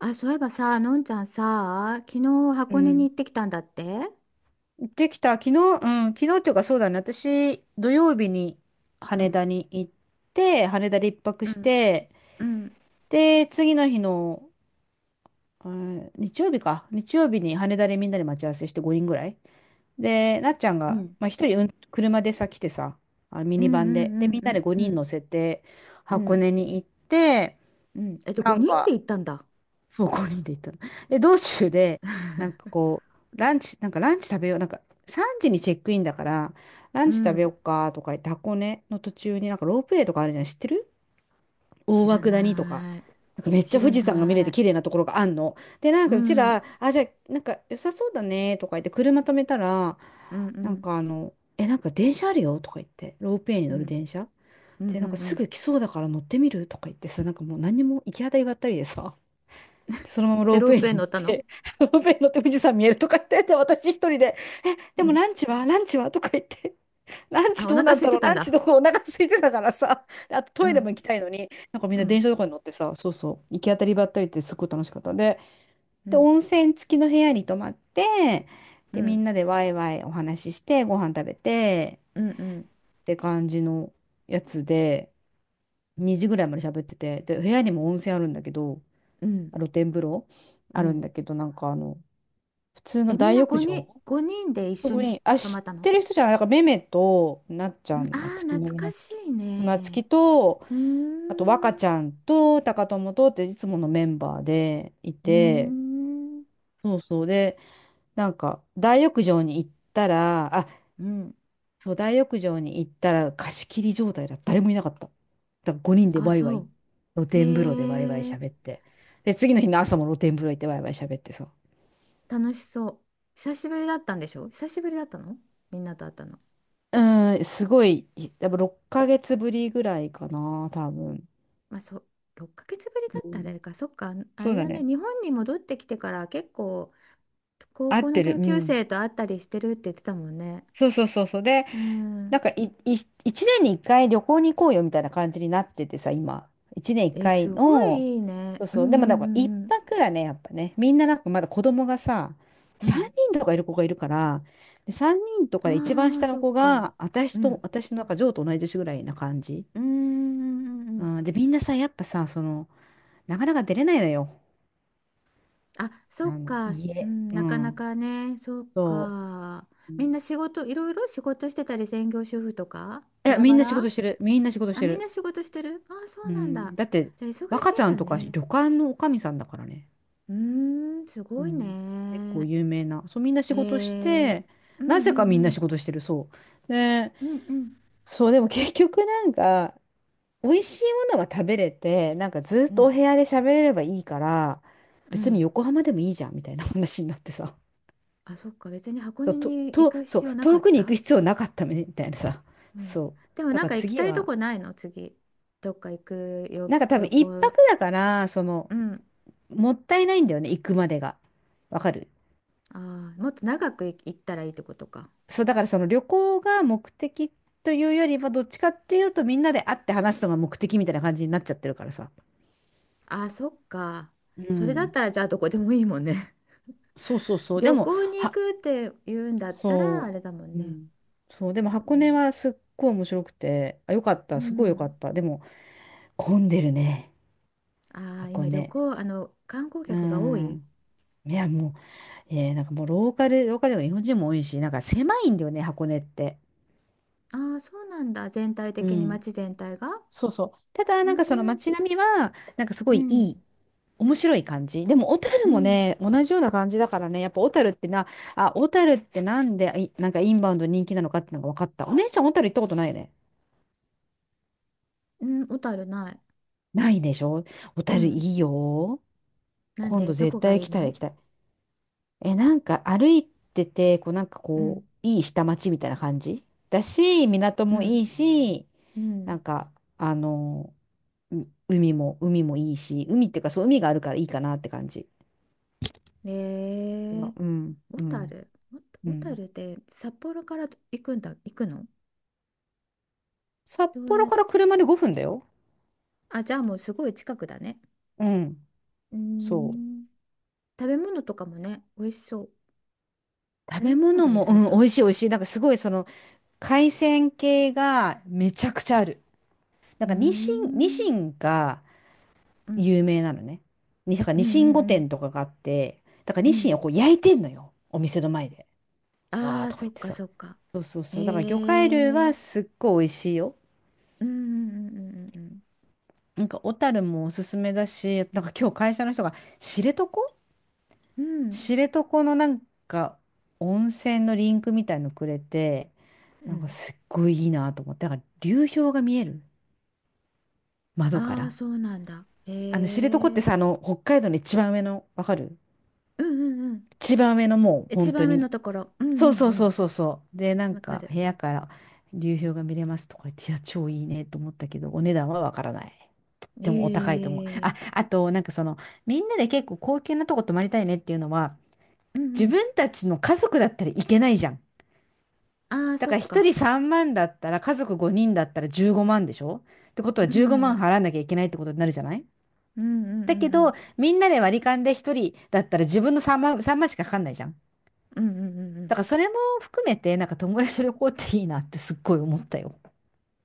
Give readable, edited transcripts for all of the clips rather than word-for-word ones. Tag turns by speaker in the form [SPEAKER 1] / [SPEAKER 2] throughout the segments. [SPEAKER 1] あ、そういえばさ、のんちゃんさ、昨日
[SPEAKER 2] う
[SPEAKER 1] 箱根に
[SPEAKER 2] ん。
[SPEAKER 1] 行ってきたんだって。
[SPEAKER 2] 行ってきた。昨日、昨日っていうかそうだね。私、土曜日に
[SPEAKER 1] うん
[SPEAKER 2] 羽田に行って、羽田で一泊
[SPEAKER 1] う
[SPEAKER 2] し
[SPEAKER 1] ん
[SPEAKER 2] て、
[SPEAKER 1] うん
[SPEAKER 2] で、次の日の、うん、日曜日か。日曜日に羽田でみんなで待ち合わせして5人ぐらい。で、なっちゃん
[SPEAKER 1] う
[SPEAKER 2] が、
[SPEAKER 1] ん
[SPEAKER 2] まあ、一人、車でさ、来てさ、あ、ミ
[SPEAKER 1] うん
[SPEAKER 2] ニバン
[SPEAKER 1] う
[SPEAKER 2] で。で、
[SPEAKER 1] ん
[SPEAKER 2] みん
[SPEAKER 1] う
[SPEAKER 2] な
[SPEAKER 1] ん
[SPEAKER 2] で
[SPEAKER 1] うんう
[SPEAKER 2] 5人乗
[SPEAKER 1] ん
[SPEAKER 2] せて、
[SPEAKER 1] う
[SPEAKER 2] 箱
[SPEAKER 1] ん。
[SPEAKER 2] 根に行って、
[SPEAKER 1] うん、え、じゃあ
[SPEAKER 2] な
[SPEAKER 1] 5
[SPEAKER 2] ん
[SPEAKER 1] 人で
[SPEAKER 2] か、
[SPEAKER 1] 行ったんだ。
[SPEAKER 2] そう、ごに人で行ったの。で、道中で、なんか こう、ランチ、なんかランチ食べよう、なんか3時にチェックインだから、ラ
[SPEAKER 1] う
[SPEAKER 2] ンチ食べよう
[SPEAKER 1] ん。
[SPEAKER 2] かとか言って、箱根の途中になんかロープウェイとかあるじゃん、知ってる？大
[SPEAKER 1] 知
[SPEAKER 2] 涌
[SPEAKER 1] ら
[SPEAKER 2] 谷とか。
[SPEAKER 1] ない。
[SPEAKER 2] なんかめっち
[SPEAKER 1] 知
[SPEAKER 2] ゃ
[SPEAKER 1] ら
[SPEAKER 2] 富士山が見れ
[SPEAKER 1] な
[SPEAKER 2] て
[SPEAKER 1] い。
[SPEAKER 2] 綺麗なところがあんの。で、なん
[SPEAKER 1] う
[SPEAKER 2] かうち
[SPEAKER 1] ん。うん
[SPEAKER 2] ら、あ、じゃあ、なんか良さそうだねとか言って、車止めたら、
[SPEAKER 1] う
[SPEAKER 2] なん
[SPEAKER 1] ん
[SPEAKER 2] かあの、え、なんか電車あるよとか言って、ロープウェイに
[SPEAKER 1] う
[SPEAKER 2] 乗る
[SPEAKER 1] ん
[SPEAKER 2] 電車。
[SPEAKER 1] うん
[SPEAKER 2] で、なん
[SPEAKER 1] う
[SPEAKER 2] か
[SPEAKER 1] んう
[SPEAKER 2] す
[SPEAKER 1] ん。
[SPEAKER 2] ぐ来そうだから乗ってみるとか言ってさ、なんかもう何にも行き当たりばったりでさ。そのまま
[SPEAKER 1] で、
[SPEAKER 2] ロー
[SPEAKER 1] ロ
[SPEAKER 2] プ
[SPEAKER 1] ー
[SPEAKER 2] ウェイ
[SPEAKER 1] プ
[SPEAKER 2] に
[SPEAKER 1] ウェイ
[SPEAKER 2] 乗っ
[SPEAKER 1] 乗ったの？
[SPEAKER 2] て、ロープウェイに乗って富士山見えるとか言って、で私一人で、え、で
[SPEAKER 1] う
[SPEAKER 2] も
[SPEAKER 1] ん。
[SPEAKER 2] ランチはランチはとか言って、ラン
[SPEAKER 1] あ、
[SPEAKER 2] チ
[SPEAKER 1] お
[SPEAKER 2] どう
[SPEAKER 1] 腹
[SPEAKER 2] なん
[SPEAKER 1] 空
[SPEAKER 2] だ
[SPEAKER 1] い
[SPEAKER 2] ろ
[SPEAKER 1] て
[SPEAKER 2] う
[SPEAKER 1] たん
[SPEAKER 2] ランチ
[SPEAKER 1] だ。
[SPEAKER 2] どこ、お腹空いてたからさ、であと
[SPEAKER 1] う
[SPEAKER 2] トイレも
[SPEAKER 1] ん
[SPEAKER 2] 行きたいのに、なんかみん
[SPEAKER 1] う
[SPEAKER 2] な
[SPEAKER 1] ん
[SPEAKER 2] 電車とかに乗ってさ、そうそう、行き当たりばったりってすごい楽しかったんで、
[SPEAKER 1] う
[SPEAKER 2] で、
[SPEAKER 1] ん
[SPEAKER 2] 温泉付きの部屋に泊まって、
[SPEAKER 1] う
[SPEAKER 2] で、みん
[SPEAKER 1] ん
[SPEAKER 2] なでワイワイお話しして、ご飯食べて、
[SPEAKER 1] うんうん
[SPEAKER 2] って感じのやつで、2時ぐらいまで喋ってて、で、部屋にも温泉あるんだけど、
[SPEAKER 1] うん
[SPEAKER 2] 露天風呂
[SPEAKER 1] う
[SPEAKER 2] あるん
[SPEAKER 1] ん。
[SPEAKER 2] だけど、なんかあの、普通
[SPEAKER 1] え、
[SPEAKER 2] の
[SPEAKER 1] みん
[SPEAKER 2] 大
[SPEAKER 1] な
[SPEAKER 2] 浴
[SPEAKER 1] 5人、
[SPEAKER 2] 場
[SPEAKER 1] 5人で一緒
[SPEAKER 2] グ
[SPEAKER 1] に
[SPEAKER 2] リーン。あ、
[SPEAKER 1] 泊ま
[SPEAKER 2] 知
[SPEAKER 1] っ
[SPEAKER 2] っ
[SPEAKER 1] たの？
[SPEAKER 2] てる人じゃない。なんか、めめと、なっち
[SPEAKER 1] う
[SPEAKER 2] ゃ
[SPEAKER 1] ん、
[SPEAKER 2] ん、
[SPEAKER 1] あ
[SPEAKER 2] なつき
[SPEAKER 1] ー、
[SPEAKER 2] の
[SPEAKER 1] 懐
[SPEAKER 2] め
[SPEAKER 1] か
[SPEAKER 2] なつ
[SPEAKER 1] し
[SPEAKER 2] き。
[SPEAKER 1] い
[SPEAKER 2] なつき
[SPEAKER 1] ね。
[SPEAKER 2] と、
[SPEAKER 1] うー
[SPEAKER 2] あと、若ち
[SPEAKER 1] ん。
[SPEAKER 2] ゃんと、高友とっていつものメンバーでい
[SPEAKER 1] うー
[SPEAKER 2] て、
[SPEAKER 1] ん。
[SPEAKER 2] そうそうで、なんか、大浴場に行ったら、あ、
[SPEAKER 1] うん。
[SPEAKER 2] そう、大浴場に行ったら、貸し切り状態だ。誰もいなかった。だから5人で
[SPEAKER 1] あ、
[SPEAKER 2] ワイワ
[SPEAKER 1] そ
[SPEAKER 2] イ、
[SPEAKER 1] う。
[SPEAKER 2] 露天風呂でワイワイ
[SPEAKER 1] へえ、
[SPEAKER 2] 喋って。で、次の日の朝も露天風呂行ってワイワイ喋ってさ。
[SPEAKER 1] 楽しそう。久しぶりだったんでしょ？久しぶりだったの？みんなと会ったの？
[SPEAKER 2] うん、すごい、多分6ヶ月ぶりぐらいかな、多分。
[SPEAKER 1] まあ、そう、6ヶ月ぶりだ
[SPEAKER 2] う
[SPEAKER 1] ったらあ
[SPEAKER 2] ん、
[SPEAKER 1] れか。そっか、あ
[SPEAKER 2] そう
[SPEAKER 1] れ
[SPEAKER 2] だ
[SPEAKER 1] だね。
[SPEAKER 2] ね。
[SPEAKER 1] 日本に戻ってきてから結構、高
[SPEAKER 2] 合
[SPEAKER 1] 校
[SPEAKER 2] っ
[SPEAKER 1] の
[SPEAKER 2] てる。
[SPEAKER 1] 同
[SPEAKER 2] う
[SPEAKER 1] 級
[SPEAKER 2] ん。
[SPEAKER 1] 生と会ったりしてるって言ってたもんね。
[SPEAKER 2] そうそうそうそう。で、
[SPEAKER 1] う
[SPEAKER 2] な
[SPEAKER 1] ん。
[SPEAKER 2] んかい、い、1年に1回旅行に行こうよみたいな感じになっててさ、今。1年1
[SPEAKER 1] え、
[SPEAKER 2] 回
[SPEAKER 1] すご
[SPEAKER 2] の、
[SPEAKER 1] いいい
[SPEAKER 2] そ
[SPEAKER 1] ね。
[SPEAKER 2] う
[SPEAKER 1] うん
[SPEAKER 2] そ
[SPEAKER 1] う
[SPEAKER 2] う。でもなんか1
[SPEAKER 1] んうん
[SPEAKER 2] 泊だね、やっぱね。みんななんかまだ子供がさ、
[SPEAKER 1] う
[SPEAKER 2] 3
[SPEAKER 1] ん。
[SPEAKER 2] 人とかいる子がいるから、で、3人と
[SPEAKER 1] う
[SPEAKER 2] かで一番
[SPEAKER 1] ん。ああ、
[SPEAKER 2] 下の
[SPEAKER 1] そっ
[SPEAKER 2] 子
[SPEAKER 1] か。
[SPEAKER 2] が、
[SPEAKER 1] う
[SPEAKER 2] 私と、
[SPEAKER 1] ん。
[SPEAKER 2] 私のなんか、ジョーと同い年ぐらいな感じ。
[SPEAKER 1] うんうんうんう
[SPEAKER 2] う
[SPEAKER 1] ん、
[SPEAKER 2] ん、で、みんなさ、やっぱさ、その、なかなか出れないのよ。
[SPEAKER 1] あ、
[SPEAKER 2] あ
[SPEAKER 1] そっ
[SPEAKER 2] の、
[SPEAKER 1] か、う
[SPEAKER 2] 家。
[SPEAKER 1] ん、
[SPEAKER 2] う
[SPEAKER 1] なかな
[SPEAKER 2] ん。
[SPEAKER 1] かね、そっ
[SPEAKER 2] そ
[SPEAKER 1] か。
[SPEAKER 2] う。う
[SPEAKER 1] みん
[SPEAKER 2] ん。
[SPEAKER 1] な仕事、いろいろ仕事してたり、専業主婦とか、
[SPEAKER 2] い
[SPEAKER 1] バ
[SPEAKER 2] や、
[SPEAKER 1] ラ
[SPEAKER 2] みん
[SPEAKER 1] バ
[SPEAKER 2] な仕事
[SPEAKER 1] ラ。
[SPEAKER 2] してる。みんな仕事し
[SPEAKER 1] あ、
[SPEAKER 2] て
[SPEAKER 1] みん
[SPEAKER 2] る。
[SPEAKER 1] な仕事してる、あ、そう
[SPEAKER 2] う
[SPEAKER 1] なん
[SPEAKER 2] ん。
[SPEAKER 1] だ。
[SPEAKER 2] だって、
[SPEAKER 1] じゃあ、忙し
[SPEAKER 2] 若ち
[SPEAKER 1] いん
[SPEAKER 2] ゃ
[SPEAKER 1] だ
[SPEAKER 2] んとか旅
[SPEAKER 1] ね。
[SPEAKER 2] 館のおかみさんだからね。
[SPEAKER 1] うーん、す
[SPEAKER 2] う
[SPEAKER 1] ごい
[SPEAKER 2] ん。結構
[SPEAKER 1] ね。
[SPEAKER 2] 有名な。そう、みんな仕
[SPEAKER 1] へ
[SPEAKER 2] 事し
[SPEAKER 1] え、
[SPEAKER 2] て、
[SPEAKER 1] うんう
[SPEAKER 2] なぜか
[SPEAKER 1] ん
[SPEAKER 2] みん
[SPEAKER 1] う
[SPEAKER 2] な仕
[SPEAKER 1] ん、
[SPEAKER 2] 事してる。そう。で、
[SPEAKER 1] うんうん、
[SPEAKER 2] そう、でも結局なんか、美味しいものが食べれて、なんかずっ
[SPEAKER 1] う
[SPEAKER 2] とお
[SPEAKER 1] ん、
[SPEAKER 2] 部屋で喋れればいいから、
[SPEAKER 1] う
[SPEAKER 2] 別に
[SPEAKER 1] ん。
[SPEAKER 2] 横浜でもいいじゃん、みたいな話になってさ。
[SPEAKER 1] あ、そっか、別に箱
[SPEAKER 2] と、
[SPEAKER 1] 根
[SPEAKER 2] と、
[SPEAKER 1] に行
[SPEAKER 2] と
[SPEAKER 1] く
[SPEAKER 2] そ
[SPEAKER 1] 必
[SPEAKER 2] う、
[SPEAKER 1] 要なか
[SPEAKER 2] 遠
[SPEAKER 1] っ
[SPEAKER 2] くに行
[SPEAKER 1] た？
[SPEAKER 2] く必要なかったみたいなさ。
[SPEAKER 1] うん。
[SPEAKER 2] そう。
[SPEAKER 1] でも
[SPEAKER 2] だ
[SPEAKER 1] なん
[SPEAKER 2] から
[SPEAKER 1] か行き
[SPEAKER 2] 次
[SPEAKER 1] たいと
[SPEAKER 2] は、
[SPEAKER 1] こないの次？どっか行くよ、
[SPEAKER 2] なんか多分
[SPEAKER 1] 旅
[SPEAKER 2] 一泊
[SPEAKER 1] 行。
[SPEAKER 2] だから、その、
[SPEAKER 1] うん。
[SPEAKER 2] もったいないんだよね、行くまでが。わかる？
[SPEAKER 1] ああ、もっと長くい行ったらいいってことか。
[SPEAKER 2] そう、だからその旅行が目的というよりは、どっちかっていうとみんなで会って話すのが目的みたいな感じになっちゃってるからさ。
[SPEAKER 1] ああ、そっか。
[SPEAKER 2] う
[SPEAKER 1] それだっ
[SPEAKER 2] ん。
[SPEAKER 1] たらじゃあどこでもいいもんね。
[SPEAKER 2] そうそう そう。で
[SPEAKER 1] 旅
[SPEAKER 2] も、
[SPEAKER 1] 行に行
[SPEAKER 2] は、
[SPEAKER 1] くって言うんだったらあ
[SPEAKER 2] そ
[SPEAKER 1] れだもん
[SPEAKER 2] う。う
[SPEAKER 1] ね。
[SPEAKER 2] ん。そう、でも
[SPEAKER 1] う
[SPEAKER 2] 箱根
[SPEAKER 1] ん。
[SPEAKER 2] はすっごい面白くて、あ、よかっ
[SPEAKER 1] う
[SPEAKER 2] た、すごいよか
[SPEAKER 1] ん。
[SPEAKER 2] った。でも、混んでるね、
[SPEAKER 1] ああ、
[SPEAKER 2] 箱
[SPEAKER 1] 今旅
[SPEAKER 2] 根。
[SPEAKER 1] 行、あの、観光
[SPEAKER 2] う
[SPEAKER 1] 客が多い。
[SPEAKER 2] ん。いや、もう、えーなんかもうローカル、ローカルでも日本人も多いし、なんか狭いんだよね、箱根って。
[SPEAKER 1] ああ、そうなんだ。全体
[SPEAKER 2] う
[SPEAKER 1] 的に
[SPEAKER 2] ん。
[SPEAKER 1] 街全体が。
[SPEAKER 2] そうそう。ただ、
[SPEAKER 1] う
[SPEAKER 2] なんかその
[SPEAKER 1] ん。
[SPEAKER 2] 街並みは、なんかすご
[SPEAKER 1] う
[SPEAKER 2] いい
[SPEAKER 1] ん。
[SPEAKER 2] い、面白い感じ。でも、小
[SPEAKER 1] う
[SPEAKER 2] 樽も
[SPEAKER 1] ん。
[SPEAKER 2] ね、同じような感じだからね、やっぱ小樽ってな、あ、小樽ってなんで、い、なんかインバウンド人気なのかってのが分かった。お姉ちゃん、小樽行ったことないよね。
[SPEAKER 1] うん。小樽ない。
[SPEAKER 2] ないでしょ？小
[SPEAKER 1] う
[SPEAKER 2] 樽い
[SPEAKER 1] ん。
[SPEAKER 2] いよ。
[SPEAKER 1] なん
[SPEAKER 2] 今
[SPEAKER 1] で
[SPEAKER 2] 度
[SPEAKER 1] ど
[SPEAKER 2] 絶
[SPEAKER 1] こが
[SPEAKER 2] 対
[SPEAKER 1] い
[SPEAKER 2] 行
[SPEAKER 1] い
[SPEAKER 2] きたい、行
[SPEAKER 1] の？
[SPEAKER 2] きたい。え、なんか歩いてて、こう、なんか
[SPEAKER 1] うん。
[SPEAKER 2] こう、いい下町みたいな感じだし、港
[SPEAKER 1] う
[SPEAKER 2] も
[SPEAKER 1] ん。
[SPEAKER 2] いいし、
[SPEAKER 1] う
[SPEAKER 2] な
[SPEAKER 1] ん。
[SPEAKER 2] んか、あの、う、海も、海もいいし、海っていうか、そう、海があるからいいかなって感じ。
[SPEAKER 1] え
[SPEAKER 2] あ
[SPEAKER 1] ー、
[SPEAKER 2] うん、
[SPEAKER 1] 小
[SPEAKER 2] うん、
[SPEAKER 1] 樽、
[SPEAKER 2] う
[SPEAKER 1] お小
[SPEAKER 2] ん。
[SPEAKER 1] 樽って札幌から行くんだ、行くの？
[SPEAKER 2] 札
[SPEAKER 1] どう
[SPEAKER 2] 幌
[SPEAKER 1] や、
[SPEAKER 2] から車で5分だよ。
[SPEAKER 1] あ、じゃあもうすごい近くだね。
[SPEAKER 2] うん、
[SPEAKER 1] うー
[SPEAKER 2] そ
[SPEAKER 1] ん、食べ物とかもね、美味しそう。
[SPEAKER 2] う。食
[SPEAKER 1] 食べ
[SPEAKER 2] べ
[SPEAKER 1] 物
[SPEAKER 2] 物
[SPEAKER 1] が良
[SPEAKER 2] も、う
[SPEAKER 1] さ
[SPEAKER 2] ん、
[SPEAKER 1] そ
[SPEAKER 2] 美
[SPEAKER 1] う。
[SPEAKER 2] 味しい美味しい。なんかすごいその海鮮系がめちゃくちゃある。なん
[SPEAKER 1] うー
[SPEAKER 2] かニシン、ニ
[SPEAKER 1] ん、
[SPEAKER 2] シンが
[SPEAKER 1] うん、
[SPEAKER 2] 有名なのね。に、だから
[SPEAKER 1] う
[SPEAKER 2] ニ
[SPEAKER 1] ん
[SPEAKER 2] シン御
[SPEAKER 1] うん
[SPEAKER 2] 殿とかがあって、だから
[SPEAKER 1] う
[SPEAKER 2] ニ
[SPEAKER 1] んう
[SPEAKER 2] シンを
[SPEAKER 1] ん。
[SPEAKER 2] こう焼いてんのよ。お店の前で。わ
[SPEAKER 1] あ
[SPEAKER 2] ー
[SPEAKER 1] あ、
[SPEAKER 2] とか
[SPEAKER 1] そ
[SPEAKER 2] 言
[SPEAKER 1] っ
[SPEAKER 2] って
[SPEAKER 1] か
[SPEAKER 2] さ。
[SPEAKER 1] そっか。
[SPEAKER 2] そうそう
[SPEAKER 1] え
[SPEAKER 2] そう。だから魚介類は
[SPEAKER 1] ー、
[SPEAKER 2] すっごい美味しいよ。
[SPEAKER 1] うんうんうんうん
[SPEAKER 2] なんか小樽もおすすめだし、なんか今日会社の人が知床、
[SPEAKER 1] うんうん。
[SPEAKER 2] 知床のなんか温泉のリンクみたいのくれて、
[SPEAKER 1] うん、
[SPEAKER 2] な
[SPEAKER 1] う
[SPEAKER 2] ん
[SPEAKER 1] ん。
[SPEAKER 2] かすっごいいいなと思って、だから流氷が見える、窓か
[SPEAKER 1] ああー、
[SPEAKER 2] ら。
[SPEAKER 1] そうなんだ。え
[SPEAKER 2] あの知床って
[SPEAKER 1] ー、
[SPEAKER 2] さ、あの北海道の一番上の、わかる？
[SPEAKER 1] うんうんうん。
[SPEAKER 2] 一番上のもう
[SPEAKER 1] 一
[SPEAKER 2] 本当
[SPEAKER 1] 番上の
[SPEAKER 2] に。
[SPEAKER 1] ところ。うん
[SPEAKER 2] そう
[SPEAKER 1] うん
[SPEAKER 2] そう
[SPEAKER 1] う
[SPEAKER 2] そう
[SPEAKER 1] ん。
[SPEAKER 2] そうそう。で、なん
[SPEAKER 1] わか
[SPEAKER 2] か
[SPEAKER 1] る。
[SPEAKER 2] 部屋から流氷が見れますとか言って、いや、超いいねと思ったけど、お値段はわからない。
[SPEAKER 1] え
[SPEAKER 2] でもお高いと思う。あ、
[SPEAKER 1] え、
[SPEAKER 2] あと、なんかその、みんなで結構高級なとこ泊まりたいねっていうのは、
[SPEAKER 1] うんう
[SPEAKER 2] 自
[SPEAKER 1] ん。
[SPEAKER 2] 分たちの家族だったらいけないじゃん。
[SPEAKER 1] ああ、
[SPEAKER 2] だ
[SPEAKER 1] そ
[SPEAKER 2] から
[SPEAKER 1] っ
[SPEAKER 2] 1
[SPEAKER 1] か。
[SPEAKER 2] 人3万だったら、家族5人だったら15万でしょ？ってことは
[SPEAKER 1] う
[SPEAKER 2] 15
[SPEAKER 1] ん。う
[SPEAKER 2] 万払
[SPEAKER 1] ん
[SPEAKER 2] わなきゃいけないってことになるじゃない？
[SPEAKER 1] うんうん
[SPEAKER 2] だけ
[SPEAKER 1] う
[SPEAKER 2] ど、
[SPEAKER 1] ん。
[SPEAKER 2] みんなで割り勘で1人だったら自分の3万、3万しかかかんないじゃん。
[SPEAKER 1] うんうんうんう
[SPEAKER 2] だ
[SPEAKER 1] ん。
[SPEAKER 2] からそれも含めて、なんか友達と旅行っていいなってすっごい思ったよ。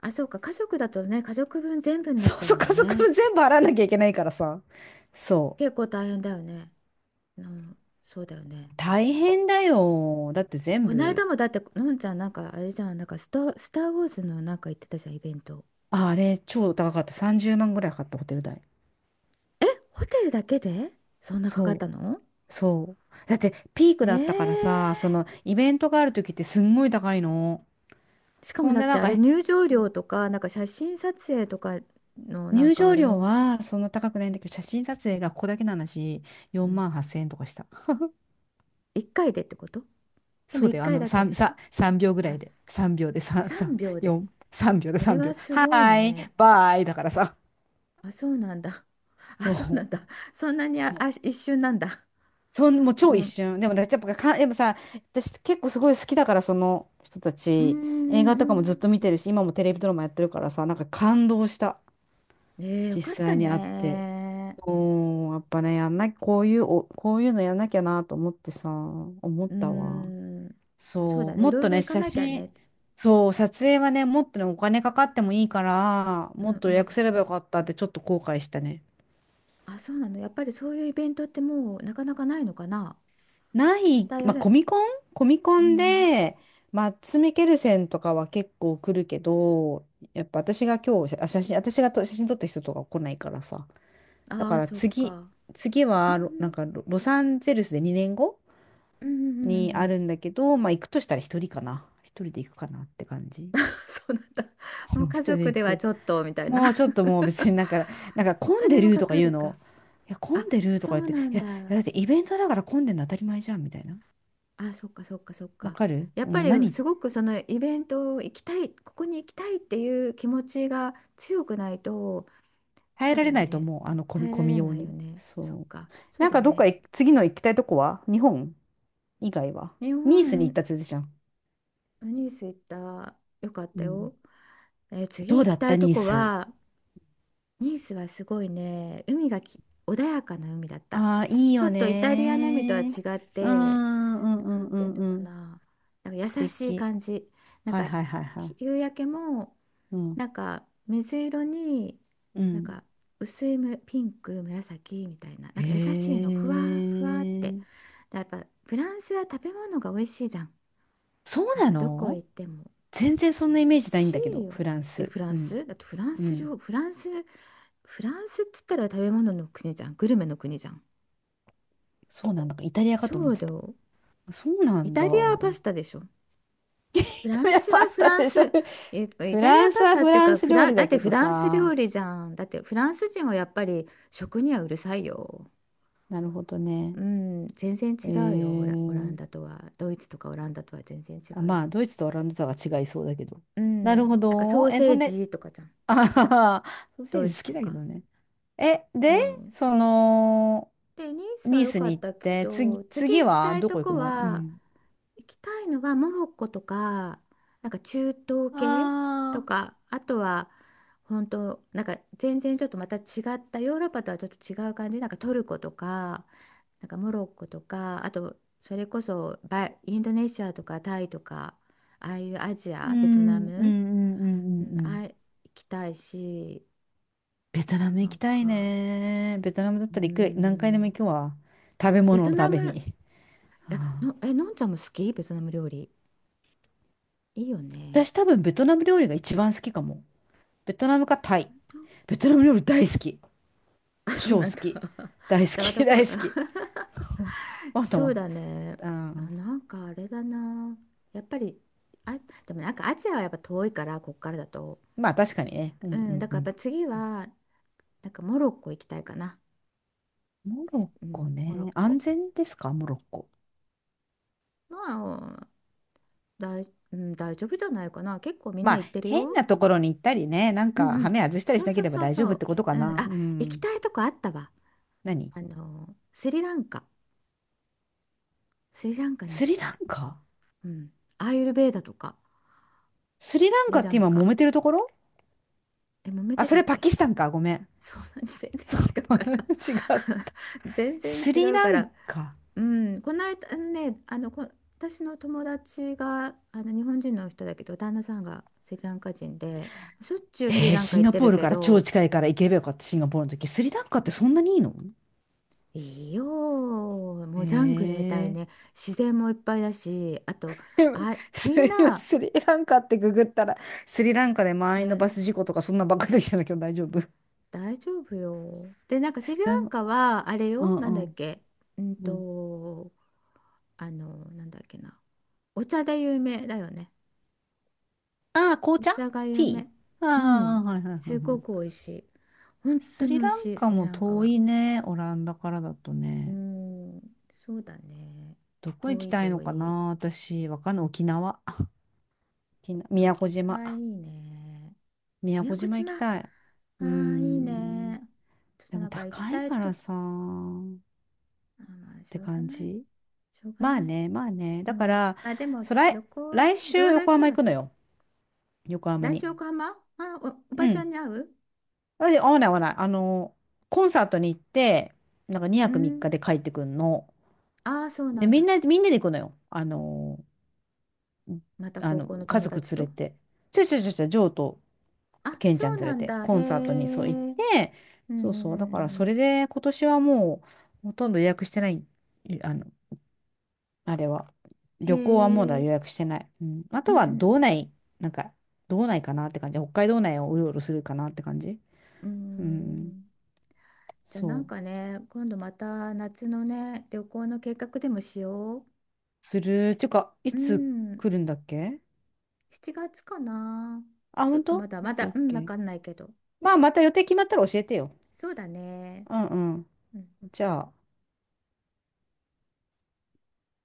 [SPEAKER 1] あ、そうか。家族だとね、家族分全部になっ
[SPEAKER 2] そ
[SPEAKER 1] ち
[SPEAKER 2] う
[SPEAKER 1] ゃう
[SPEAKER 2] そう、
[SPEAKER 1] もん
[SPEAKER 2] 家族
[SPEAKER 1] ね。
[SPEAKER 2] 分全部払わなきゃいけないからさ。そ
[SPEAKER 1] 結構大変だよね。うん、そうだよね。
[SPEAKER 2] う。大変だよ。だって全
[SPEAKER 1] この
[SPEAKER 2] 部、
[SPEAKER 1] 間もだって、のんちゃんなんかあれじゃん、なんかスタ、スター・ウォーズのなんか行ってたじゃん、イベント。
[SPEAKER 2] ああれ、超高かった。30万ぐらいかかったホテル代。
[SPEAKER 1] ホテルだけでそんなかかった
[SPEAKER 2] そ
[SPEAKER 1] の？
[SPEAKER 2] う。そう。だってピークだったからさ、そ
[SPEAKER 1] ええ、
[SPEAKER 2] のイベントがある時ってすんごい高いの。
[SPEAKER 1] しか
[SPEAKER 2] そ
[SPEAKER 1] も
[SPEAKER 2] ん
[SPEAKER 1] な
[SPEAKER 2] で
[SPEAKER 1] く
[SPEAKER 2] な
[SPEAKER 1] て、
[SPEAKER 2] ん
[SPEAKER 1] あ
[SPEAKER 2] か、
[SPEAKER 1] れ
[SPEAKER 2] え、
[SPEAKER 1] 入場料とか、なんか写真撮影とかのなん
[SPEAKER 2] 入
[SPEAKER 1] かあ
[SPEAKER 2] 場
[SPEAKER 1] れ
[SPEAKER 2] 料
[SPEAKER 1] も、
[SPEAKER 2] はそんな高くないんだけど、写真撮影がここだけの話、
[SPEAKER 1] う
[SPEAKER 2] 4
[SPEAKER 1] ん、
[SPEAKER 2] 万8000円とかした。
[SPEAKER 1] 1回でってこと？でも
[SPEAKER 2] そう
[SPEAKER 1] 1
[SPEAKER 2] だよ、あ
[SPEAKER 1] 回
[SPEAKER 2] の、
[SPEAKER 1] だけで
[SPEAKER 2] 3、
[SPEAKER 1] しょ？
[SPEAKER 2] さ、3秒ぐら
[SPEAKER 1] あ、
[SPEAKER 2] いで。3秒で3、
[SPEAKER 1] 3秒
[SPEAKER 2] さ、
[SPEAKER 1] で。
[SPEAKER 2] 4、3秒で
[SPEAKER 1] それ
[SPEAKER 2] 3
[SPEAKER 1] は
[SPEAKER 2] 秒。
[SPEAKER 1] す
[SPEAKER 2] は
[SPEAKER 1] ごい
[SPEAKER 2] ーい、
[SPEAKER 1] ね。
[SPEAKER 2] バーイだからさ。
[SPEAKER 1] あ、そうなんだ。あ、
[SPEAKER 2] そ
[SPEAKER 1] そうなんだ。
[SPEAKER 2] う。
[SPEAKER 1] そんなに、あ、
[SPEAKER 2] そう。
[SPEAKER 1] あ、一瞬なんだ。
[SPEAKER 2] そん、もう超一
[SPEAKER 1] もう、
[SPEAKER 2] 瞬。でも、だってやっぱか、でもさ、私結構すごい好きだから、その人た
[SPEAKER 1] うー
[SPEAKER 2] ち、映画とかも
[SPEAKER 1] ん。
[SPEAKER 2] ずっと見てるし、今もテレビドラマやってるからさ、なんか感動した。
[SPEAKER 1] ええ、よ
[SPEAKER 2] 実
[SPEAKER 1] かった
[SPEAKER 2] 際に会って、
[SPEAKER 1] ね。
[SPEAKER 2] おー、やっぱね、やんな、こういう、お、こういうのやんなきゃなと思ってさ、思っ
[SPEAKER 1] うー
[SPEAKER 2] たわ。
[SPEAKER 1] ん。そう
[SPEAKER 2] そ
[SPEAKER 1] だ
[SPEAKER 2] う、
[SPEAKER 1] ね。
[SPEAKER 2] も
[SPEAKER 1] い
[SPEAKER 2] っ
[SPEAKER 1] ろい
[SPEAKER 2] と
[SPEAKER 1] ろ
[SPEAKER 2] ね、
[SPEAKER 1] 行か
[SPEAKER 2] 写
[SPEAKER 1] なきゃ
[SPEAKER 2] 真、
[SPEAKER 1] ね。
[SPEAKER 2] そう、撮影はね、もっとね、お金かかってもいいから、
[SPEAKER 1] う
[SPEAKER 2] もっ
[SPEAKER 1] ん
[SPEAKER 2] と
[SPEAKER 1] う
[SPEAKER 2] 予約
[SPEAKER 1] ん。
[SPEAKER 2] すればよかったってちょっと後悔したね。
[SPEAKER 1] あ、そうなの。やっぱりそういうイベントってもうなかなかないのかな。
[SPEAKER 2] な
[SPEAKER 1] ま
[SPEAKER 2] い、
[SPEAKER 1] たや
[SPEAKER 2] まあ、
[SPEAKER 1] る？
[SPEAKER 2] コミコンコミコ
[SPEAKER 1] う
[SPEAKER 2] ン
[SPEAKER 1] ん。
[SPEAKER 2] で、マッツ・ミケルセンとかは結構来るけど、やっぱ私が今日、あ、写真、私がと写真撮った人とか来ないからさ。だ
[SPEAKER 1] あ
[SPEAKER 2] か
[SPEAKER 1] あ、
[SPEAKER 2] ら
[SPEAKER 1] そっ
[SPEAKER 2] 次、
[SPEAKER 1] か。
[SPEAKER 2] 次
[SPEAKER 1] う
[SPEAKER 2] はロ、なん
[SPEAKER 1] ん
[SPEAKER 2] かロ、ロサンゼルスで2年後
[SPEAKER 1] うん。ううん、うんう
[SPEAKER 2] に
[SPEAKER 1] んう
[SPEAKER 2] あ
[SPEAKER 1] ん。
[SPEAKER 2] るんだけど、まあ行くとしたら一人かな。一人で行くかなって感じ。
[SPEAKER 1] そうなんだ。も
[SPEAKER 2] う
[SPEAKER 1] う
[SPEAKER 2] ん一
[SPEAKER 1] 家
[SPEAKER 2] 人で
[SPEAKER 1] 族
[SPEAKER 2] 行
[SPEAKER 1] では
[SPEAKER 2] く。
[SPEAKER 1] ちょっとみたいな。
[SPEAKER 2] もうちょっともう別になんか
[SPEAKER 1] お
[SPEAKER 2] 混ん
[SPEAKER 1] 金
[SPEAKER 2] で
[SPEAKER 1] も
[SPEAKER 2] る
[SPEAKER 1] か
[SPEAKER 2] とか
[SPEAKER 1] か
[SPEAKER 2] 言う
[SPEAKER 1] るか。
[SPEAKER 2] の。いや、混
[SPEAKER 1] あ、
[SPEAKER 2] んでると
[SPEAKER 1] そ
[SPEAKER 2] か言っ
[SPEAKER 1] う
[SPEAKER 2] て、
[SPEAKER 1] なん
[SPEAKER 2] いや、いや
[SPEAKER 1] だ。
[SPEAKER 2] だってイベントだから混んでるの当たり前じゃんみたいな。
[SPEAKER 1] あ、そっかそっかそっ
[SPEAKER 2] わ
[SPEAKER 1] か。
[SPEAKER 2] かる
[SPEAKER 1] やっ
[SPEAKER 2] う
[SPEAKER 1] ぱ
[SPEAKER 2] ん、
[SPEAKER 1] り
[SPEAKER 2] 何
[SPEAKER 1] すごくそのイベントを行きたい、ここに行きたいっていう気持ちが強くないと、
[SPEAKER 2] 耐え
[SPEAKER 1] そう
[SPEAKER 2] ら
[SPEAKER 1] だ
[SPEAKER 2] れ
[SPEAKER 1] よ
[SPEAKER 2] ないと
[SPEAKER 1] ね。
[SPEAKER 2] 思う。あの混
[SPEAKER 1] 耐
[SPEAKER 2] み、
[SPEAKER 1] えら
[SPEAKER 2] 混み
[SPEAKER 1] れ
[SPEAKER 2] よ
[SPEAKER 1] な
[SPEAKER 2] う
[SPEAKER 1] いよ
[SPEAKER 2] に。
[SPEAKER 1] ね。そっ
[SPEAKER 2] そ
[SPEAKER 1] か、
[SPEAKER 2] う。
[SPEAKER 1] そう
[SPEAKER 2] なん
[SPEAKER 1] だよ
[SPEAKER 2] かどっ
[SPEAKER 1] ね。
[SPEAKER 2] か行次の行きたいとこは日本以外は
[SPEAKER 1] 日
[SPEAKER 2] ニースに行っ
[SPEAKER 1] 本、
[SPEAKER 2] たって言ってたじゃん。
[SPEAKER 1] ニース行った。よかっ
[SPEAKER 2] う
[SPEAKER 1] た
[SPEAKER 2] ん。
[SPEAKER 1] よ。えー
[SPEAKER 2] ど
[SPEAKER 1] 次
[SPEAKER 2] う
[SPEAKER 1] 行
[SPEAKER 2] だ
[SPEAKER 1] き
[SPEAKER 2] っ
[SPEAKER 1] た
[SPEAKER 2] た
[SPEAKER 1] いと
[SPEAKER 2] ニー
[SPEAKER 1] こ
[SPEAKER 2] ス。
[SPEAKER 1] は、ニースはすごいね、海がき、穏やかな海だった。
[SPEAKER 2] ああ、いい
[SPEAKER 1] ちょ
[SPEAKER 2] よ
[SPEAKER 1] っとイタリアの海とは
[SPEAKER 2] ね
[SPEAKER 1] 違
[SPEAKER 2] ー。
[SPEAKER 1] っ
[SPEAKER 2] う
[SPEAKER 1] て、
[SPEAKER 2] ん、うん、う
[SPEAKER 1] な
[SPEAKER 2] ん、
[SPEAKER 1] ん
[SPEAKER 2] う
[SPEAKER 1] ていう
[SPEAKER 2] ん
[SPEAKER 1] の
[SPEAKER 2] う
[SPEAKER 1] か
[SPEAKER 2] ん。
[SPEAKER 1] な、なん
[SPEAKER 2] 素
[SPEAKER 1] か優しい
[SPEAKER 2] 敵。
[SPEAKER 1] 感じ。なん
[SPEAKER 2] はい
[SPEAKER 1] か
[SPEAKER 2] はいはいは
[SPEAKER 1] ひ
[SPEAKER 2] い。
[SPEAKER 1] 夕焼けも
[SPEAKER 2] うん、
[SPEAKER 1] なんか水色に
[SPEAKER 2] う
[SPEAKER 1] なん
[SPEAKER 2] ん。
[SPEAKER 1] か薄いむピンク紫みたいな、なんか優しいの
[SPEAKER 2] へ
[SPEAKER 1] ふわふわっ
[SPEAKER 2] え。
[SPEAKER 1] て。でやっぱフランスは食べ物が美味しいじゃん。
[SPEAKER 2] そう
[SPEAKER 1] なん
[SPEAKER 2] な
[SPEAKER 1] かどこ
[SPEAKER 2] の？
[SPEAKER 1] 行っても
[SPEAKER 2] 全然そ
[SPEAKER 1] 美
[SPEAKER 2] んなイ
[SPEAKER 1] 味
[SPEAKER 2] メージないん
[SPEAKER 1] し
[SPEAKER 2] だけ
[SPEAKER 1] い
[SPEAKER 2] ど、
[SPEAKER 1] よ。
[SPEAKER 2] フラン
[SPEAKER 1] え、
[SPEAKER 2] ス。
[SPEAKER 1] フラ
[SPEAKER 2] う
[SPEAKER 1] ン
[SPEAKER 2] ん、
[SPEAKER 1] スだってフラン
[SPEAKER 2] う
[SPEAKER 1] ス料、
[SPEAKER 2] ん。
[SPEAKER 1] フランス、フランスっつったら食べ物の国じゃん。グルメの国じゃん。
[SPEAKER 2] そうなんだ。イタリアかと
[SPEAKER 1] そ
[SPEAKER 2] 思っ
[SPEAKER 1] う
[SPEAKER 2] て
[SPEAKER 1] だ
[SPEAKER 2] た。
[SPEAKER 1] よ。
[SPEAKER 2] そうな
[SPEAKER 1] イ
[SPEAKER 2] んだ。
[SPEAKER 1] タリアはパスタ でしょ。フ
[SPEAKER 2] イ
[SPEAKER 1] ラ
[SPEAKER 2] タ
[SPEAKER 1] ン
[SPEAKER 2] リア
[SPEAKER 1] ス
[SPEAKER 2] パ
[SPEAKER 1] は
[SPEAKER 2] ス
[SPEAKER 1] フ
[SPEAKER 2] タ
[SPEAKER 1] ラン
[SPEAKER 2] でしょ。
[SPEAKER 1] ス、イ
[SPEAKER 2] フ
[SPEAKER 1] タリ
[SPEAKER 2] ラ
[SPEAKER 1] ア
[SPEAKER 2] ンス
[SPEAKER 1] パス
[SPEAKER 2] は
[SPEAKER 1] タっ
[SPEAKER 2] フ
[SPEAKER 1] ていう
[SPEAKER 2] ラ
[SPEAKER 1] か、
[SPEAKER 2] ンス
[SPEAKER 1] フ
[SPEAKER 2] 料
[SPEAKER 1] ラン、
[SPEAKER 2] 理
[SPEAKER 1] だっ
[SPEAKER 2] だ
[SPEAKER 1] て
[SPEAKER 2] け
[SPEAKER 1] フ
[SPEAKER 2] ど
[SPEAKER 1] ランス
[SPEAKER 2] さ。
[SPEAKER 1] 料理じゃん。だってフランス人はやっぱり食にはうるさいよ。
[SPEAKER 2] なるほどね。
[SPEAKER 1] うん、全然
[SPEAKER 2] え
[SPEAKER 1] 違うよ、オラ、オラ
[SPEAKER 2] ー、
[SPEAKER 1] ンダとは。ドイツとかオランダとは全然違
[SPEAKER 2] あ、
[SPEAKER 1] う
[SPEAKER 2] ま
[SPEAKER 1] よ。
[SPEAKER 2] あ、ドイツとオランダとは違いそうだけど。
[SPEAKER 1] う
[SPEAKER 2] なる
[SPEAKER 1] ん、
[SPEAKER 2] ほ
[SPEAKER 1] なんかソ
[SPEAKER 2] ど。
[SPEAKER 1] ー
[SPEAKER 2] え、
[SPEAKER 1] セ
[SPEAKER 2] そ
[SPEAKER 1] ー
[SPEAKER 2] んで、
[SPEAKER 1] ジとかじゃん、
[SPEAKER 2] あはは ソーセ
[SPEAKER 1] ド
[SPEAKER 2] ー
[SPEAKER 1] イ
[SPEAKER 2] ジ好
[SPEAKER 1] ツ
[SPEAKER 2] き
[SPEAKER 1] と
[SPEAKER 2] だけ
[SPEAKER 1] か。
[SPEAKER 2] どね。え、
[SPEAKER 1] う
[SPEAKER 2] で、
[SPEAKER 1] ん。
[SPEAKER 2] その、
[SPEAKER 1] で、ニースは
[SPEAKER 2] ニー
[SPEAKER 1] 良
[SPEAKER 2] ス
[SPEAKER 1] か
[SPEAKER 2] に
[SPEAKER 1] っ
[SPEAKER 2] 行っ
[SPEAKER 1] たけ
[SPEAKER 2] て、つ、
[SPEAKER 1] ど、
[SPEAKER 2] 次
[SPEAKER 1] 次行き
[SPEAKER 2] は
[SPEAKER 1] たい
[SPEAKER 2] ど
[SPEAKER 1] と
[SPEAKER 2] こ行く
[SPEAKER 1] こ
[SPEAKER 2] の？う
[SPEAKER 1] は、
[SPEAKER 2] ん。
[SPEAKER 1] 行きたいのはモロッコとか、なんか中東系と
[SPEAKER 2] ああ、
[SPEAKER 1] か、あとは本当、なんか全然ちょっとまた違ったヨーロッパとはちょっと違う感じ、なんかトルコとか、なんかモロッコとか、あとそれこそバインドネシアとかタイとか、ああいうアジ
[SPEAKER 2] う
[SPEAKER 1] ア、ベトナ
[SPEAKER 2] ん、うん、う
[SPEAKER 1] ム、
[SPEAKER 2] ん、うん、う
[SPEAKER 1] うん、
[SPEAKER 2] ん。う
[SPEAKER 1] あ、
[SPEAKER 2] ん
[SPEAKER 1] 行きたいし、
[SPEAKER 2] ベトナム
[SPEAKER 1] な
[SPEAKER 2] 行き
[SPEAKER 1] ん
[SPEAKER 2] たい
[SPEAKER 1] か、
[SPEAKER 2] ね。ベトナムだっ
[SPEAKER 1] うー
[SPEAKER 2] たら行く、何回でも行
[SPEAKER 1] ん、
[SPEAKER 2] くわ。食べ
[SPEAKER 1] ベ
[SPEAKER 2] 物
[SPEAKER 1] ト
[SPEAKER 2] のた
[SPEAKER 1] ナ
[SPEAKER 2] め
[SPEAKER 1] ム、
[SPEAKER 2] に。
[SPEAKER 1] え、
[SPEAKER 2] は
[SPEAKER 1] の、
[SPEAKER 2] あ
[SPEAKER 1] え、のんちゃんも好きベトナム料理。いいよね。
[SPEAKER 2] 私多分ベトナム料理が一番好きかも。ベトナムかタイ。ベトナム料理大好き。
[SPEAKER 1] あ、そう
[SPEAKER 2] 超好
[SPEAKER 1] なんだ。
[SPEAKER 2] き。大 好
[SPEAKER 1] じゃあまた
[SPEAKER 2] き、
[SPEAKER 1] こう、
[SPEAKER 2] 大好き。また
[SPEAKER 1] そ
[SPEAKER 2] まあ
[SPEAKER 1] うだ
[SPEAKER 2] と
[SPEAKER 1] ね。
[SPEAKER 2] は、う
[SPEAKER 1] あ、
[SPEAKER 2] ん
[SPEAKER 1] なんかあれだな。やっぱり、あ、でもなんかアジアはやっぱ遠いから、こっからだと。
[SPEAKER 2] まあ確かにね。う
[SPEAKER 1] う
[SPEAKER 2] んう
[SPEAKER 1] ん、だ
[SPEAKER 2] んう
[SPEAKER 1] からや
[SPEAKER 2] ん。
[SPEAKER 1] っぱ次は、なんかモロッコ行きたいかな。
[SPEAKER 2] モロッ
[SPEAKER 1] う
[SPEAKER 2] コ
[SPEAKER 1] ん、モロッ
[SPEAKER 2] ね。
[SPEAKER 1] コ。
[SPEAKER 2] 安全ですか、モロッコ？
[SPEAKER 1] まあ、大、うん、大丈夫じゃないかな。結構みん
[SPEAKER 2] ま
[SPEAKER 1] な
[SPEAKER 2] あ
[SPEAKER 1] 行ってる
[SPEAKER 2] 変
[SPEAKER 1] よ。
[SPEAKER 2] なところに行ったりね、なん
[SPEAKER 1] うん
[SPEAKER 2] か
[SPEAKER 1] う
[SPEAKER 2] ハ
[SPEAKER 1] ん。
[SPEAKER 2] メ外したり
[SPEAKER 1] そ
[SPEAKER 2] し
[SPEAKER 1] う
[SPEAKER 2] な
[SPEAKER 1] そ
[SPEAKER 2] け
[SPEAKER 1] う
[SPEAKER 2] れば
[SPEAKER 1] そう
[SPEAKER 2] 大丈
[SPEAKER 1] そ
[SPEAKER 2] 夫っ
[SPEAKER 1] う。
[SPEAKER 2] てことか
[SPEAKER 1] うん、
[SPEAKER 2] な。う
[SPEAKER 1] あ、行き
[SPEAKER 2] ん。
[SPEAKER 1] たいとこあったわ。
[SPEAKER 2] 何？
[SPEAKER 1] あの、スリランカ。スリランカに行
[SPEAKER 2] ス
[SPEAKER 1] き
[SPEAKER 2] リ
[SPEAKER 1] た
[SPEAKER 2] ラ
[SPEAKER 1] い。
[SPEAKER 2] ンカ
[SPEAKER 1] うん。アーユルヴェーダとか、
[SPEAKER 2] スリラ
[SPEAKER 1] ス
[SPEAKER 2] ンカ
[SPEAKER 1] リ
[SPEAKER 2] っ
[SPEAKER 1] ラ
[SPEAKER 2] て
[SPEAKER 1] ン
[SPEAKER 2] 今揉
[SPEAKER 1] カ。
[SPEAKER 2] めてるところ？
[SPEAKER 1] え、揉め
[SPEAKER 2] あ、
[SPEAKER 1] て
[SPEAKER 2] そ
[SPEAKER 1] たっ
[SPEAKER 2] れパ
[SPEAKER 1] け？
[SPEAKER 2] キスタンか。ごめん。
[SPEAKER 1] そうなんです。全然違うから。
[SPEAKER 2] 違う。
[SPEAKER 1] 全然
[SPEAKER 2] ス
[SPEAKER 1] 違
[SPEAKER 2] リ
[SPEAKER 1] う
[SPEAKER 2] ラ
[SPEAKER 1] か
[SPEAKER 2] ン
[SPEAKER 1] ら。
[SPEAKER 2] カ。
[SPEAKER 1] うん、この間あのね、あの、こ、私の友達が、あの、日本人の人だけど、旦那さんがスリランカ人で、しょっちゅうスリランカ
[SPEAKER 2] シン
[SPEAKER 1] 行っ
[SPEAKER 2] ガ
[SPEAKER 1] て
[SPEAKER 2] ポー
[SPEAKER 1] る
[SPEAKER 2] ル
[SPEAKER 1] け
[SPEAKER 2] から超
[SPEAKER 1] ど、
[SPEAKER 2] 近いから行けばよかった、シンガポールの時。スリランカってそんなにいいの？
[SPEAKER 1] いいよ、もうジャングルみたいね、
[SPEAKER 2] え
[SPEAKER 1] 自然もいっぱいだし、あと、
[SPEAKER 2] でも
[SPEAKER 1] あ、
[SPEAKER 2] す
[SPEAKER 1] みん
[SPEAKER 2] 今
[SPEAKER 1] な、
[SPEAKER 2] スリランカってググったら、スリランカで満員のバ
[SPEAKER 1] な
[SPEAKER 2] ス事故とかそんなばっかりできたんだけど大丈夫？
[SPEAKER 1] 大丈夫よ。で、なんかス
[SPEAKER 2] ス
[SPEAKER 1] リ
[SPEAKER 2] タ
[SPEAKER 1] ラン
[SPEAKER 2] バ？
[SPEAKER 1] カは、あれ
[SPEAKER 2] う
[SPEAKER 1] よ、
[SPEAKER 2] ん
[SPEAKER 1] な
[SPEAKER 2] う
[SPEAKER 1] んだっ
[SPEAKER 2] ん。
[SPEAKER 1] け、うん
[SPEAKER 2] うん、
[SPEAKER 1] と、あの、なんだっけな、お茶で有名だよね。
[SPEAKER 2] ああ、紅
[SPEAKER 1] お
[SPEAKER 2] 茶？
[SPEAKER 1] 茶が有
[SPEAKER 2] ティ
[SPEAKER 1] 名。
[SPEAKER 2] ー？
[SPEAKER 1] う
[SPEAKER 2] ああ、
[SPEAKER 1] ん。
[SPEAKER 2] はいはいはい
[SPEAKER 1] すご
[SPEAKER 2] は
[SPEAKER 1] く
[SPEAKER 2] い。
[SPEAKER 1] 美味しい。本当
[SPEAKER 2] ス
[SPEAKER 1] に
[SPEAKER 2] リ
[SPEAKER 1] 美味
[SPEAKER 2] ラン
[SPEAKER 1] しい、
[SPEAKER 2] カ
[SPEAKER 1] スリ
[SPEAKER 2] も
[SPEAKER 1] ランカ
[SPEAKER 2] 遠
[SPEAKER 1] は。
[SPEAKER 2] いね、オランダからだと
[SPEAKER 1] う
[SPEAKER 2] ね。
[SPEAKER 1] ん。そうだね。
[SPEAKER 2] どこ行
[SPEAKER 1] 遠
[SPEAKER 2] き
[SPEAKER 1] い
[SPEAKER 2] たいの
[SPEAKER 1] 遠
[SPEAKER 2] か
[SPEAKER 1] い。
[SPEAKER 2] な私、わかんない。沖縄。沖縄、
[SPEAKER 1] あ、
[SPEAKER 2] 宮古
[SPEAKER 1] 沖
[SPEAKER 2] 島。
[SPEAKER 1] 縄いいね。
[SPEAKER 2] 宮
[SPEAKER 1] 宮
[SPEAKER 2] 古
[SPEAKER 1] 古
[SPEAKER 2] 島行
[SPEAKER 1] 島。
[SPEAKER 2] き
[SPEAKER 1] あ
[SPEAKER 2] たい。うー
[SPEAKER 1] あ、いい
[SPEAKER 2] ん。
[SPEAKER 1] ね。ちょっ
[SPEAKER 2] で
[SPEAKER 1] とな
[SPEAKER 2] も
[SPEAKER 1] んか行き
[SPEAKER 2] 高い
[SPEAKER 1] たい
[SPEAKER 2] か
[SPEAKER 1] と。あ、
[SPEAKER 2] らさ、っ
[SPEAKER 1] まあ、し
[SPEAKER 2] て
[SPEAKER 1] ょうが
[SPEAKER 2] 感
[SPEAKER 1] ない。
[SPEAKER 2] じ。
[SPEAKER 1] しょうが
[SPEAKER 2] まあ
[SPEAKER 1] ない。
[SPEAKER 2] ね、まあね。
[SPEAKER 1] う
[SPEAKER 2] だか
[SPEAKER 1] ん。
[SPEAKER 2] ら、
[SPEAKER 1] まあでも、
[SPEAKER 2] そう来、
[SPEAKER 1] 旅行は
[SPEAKER 2] 来
[SPEAKER 1] ね、い
[SPEAKER 2] 週
[SPEAKER 1] ろいろ
[SPEAKER 2] 横
[SPEAKER 1] 行く
[SPEAKER 2] 浜行
[SPEAKER 1] の。
[SPEAKER 2] くのよ。横浜
[SPEAKER 1] 来
[SPEAKER 2] に。
[SPEAKER 1] 週横浜、あ、お、お
[SPEAKER 2] う
[SPEAKER 1] ばちゃん
[SPEAKER 2] ん。
[SPEAKER 1] に会う？
[SPEAKER 2] あ、で合わない合わない。あの、コンサートに行って、なんか2
[SPEAKER 1] う
[SPEAKER 2] 泊3日
[SPEAKER 1] ん。
[SPEAKER 2] で帰ってくんの。
[SPEAKER 1] ああ、そうな
[SPEAKER 2] で、
[SPEAKER 1] ん
[SPEAKER 2] みん
[SPEAKER 1] だ。
[SPEAKER 2] な、みんなで行くのよ。あの、
[SPEAKER 1] また高校の
[SPEAKER 2] 家
[SPEAKER 1] 友
[SPEAKER 2] 族
[SPEAKER 1] 達
[SPEAKER 2] 連れ
[SPEAKER 1] と？
[SPEAKER 2] て。ちょいちょいちょいちょい、ジョーと
[SPEAKER 1] あ、
[SPEAKER 2] ケンち
[SPEAKER 1] そ
[SPEAKER 2] ゃん
[SPEAKER 1] う
[SPEAKER 2] 連れ
[SPEAKER 1] なん
[SPEAKER 2] て、
[SPEAKER 1] だ。
[SPEAKER 2] コ
[SPEAKER 1] へえ。
[SPEAKER 2] ンサートにそう行っ
[SPEAKER 1] うん
[SPEAKER 2] て、
[SPEAKER 1] うんう
[SPEAKER 2] そうそう。だから、
[SPEAKER 1] んう
[SPEAKER 2] そ
[SPEAKER 1] ん。
[SPEAKER 2] れで今年はもう、ほとんど予約してない。あの、あれは。
[SPEAKER 1] へ
[SPEAKER 2] 旅行はもうだ
[SPEAKER 1] え。
[SPEAKER 2] 予約してない。うん。あ
[SPEAKER 1] う
[SPEAKER 2] と
[SPEAKER 1] ん
[SPEAKER 2] は
[SPEAKER 1] うん
[SPEAKER 2] 道内、なんか、道内かなって感じ。北海道内をうろうろするかなって感じ。
[SPEAKER 1] うん。う
[SPEAKER 2] うん。
[SPEAKER 1] ん。じゃあな
[SPEAKER 2] そ
[SPEAKER 1] ん
[SPEAKER 2] う。
[SPEAKER 1] かね、今度また夏のね、旅行の計画でもしよ
[SPEAKER 2] する。てか、い
[SPEAKER 1] う。う
[SPEAKER 2] つ
[SPEAKER 1] ん。
[SPEAKER 2] 来るんだっけ？
[SPEAKER 1] 7月かな。
[SPEAKER 2] あ、
[SPEAKER 1] ちょ
[SPEAKER 2] ほ
[SPEAKER 1] っ
[SPEAKER 2] ん
[SPEAKER 1] と
[SPEAKER 2] と
[SPEAKER 1] まだ
[SPEAKER 2] オッ
[SPEAKER 1] ま
[SPEAKER 2] ケー
[SPEAKER 1] だ、
[SPEAKER 2] オッ
[SPEAKER 1] うん、
[SPEAKER 2] ケ
[SPEAKER 1] わ
[SPEAKER 2] ー。
[SPEAKER 1] かんないけど。
[SPEAKER 2] まあ、また予定決まったら教えてよ。
[SPEAKER 1] そうだね。
[SPEAKER 2] うんうん。
[SPEAKER 1] うん
[SPEAKER 2] じゃあ。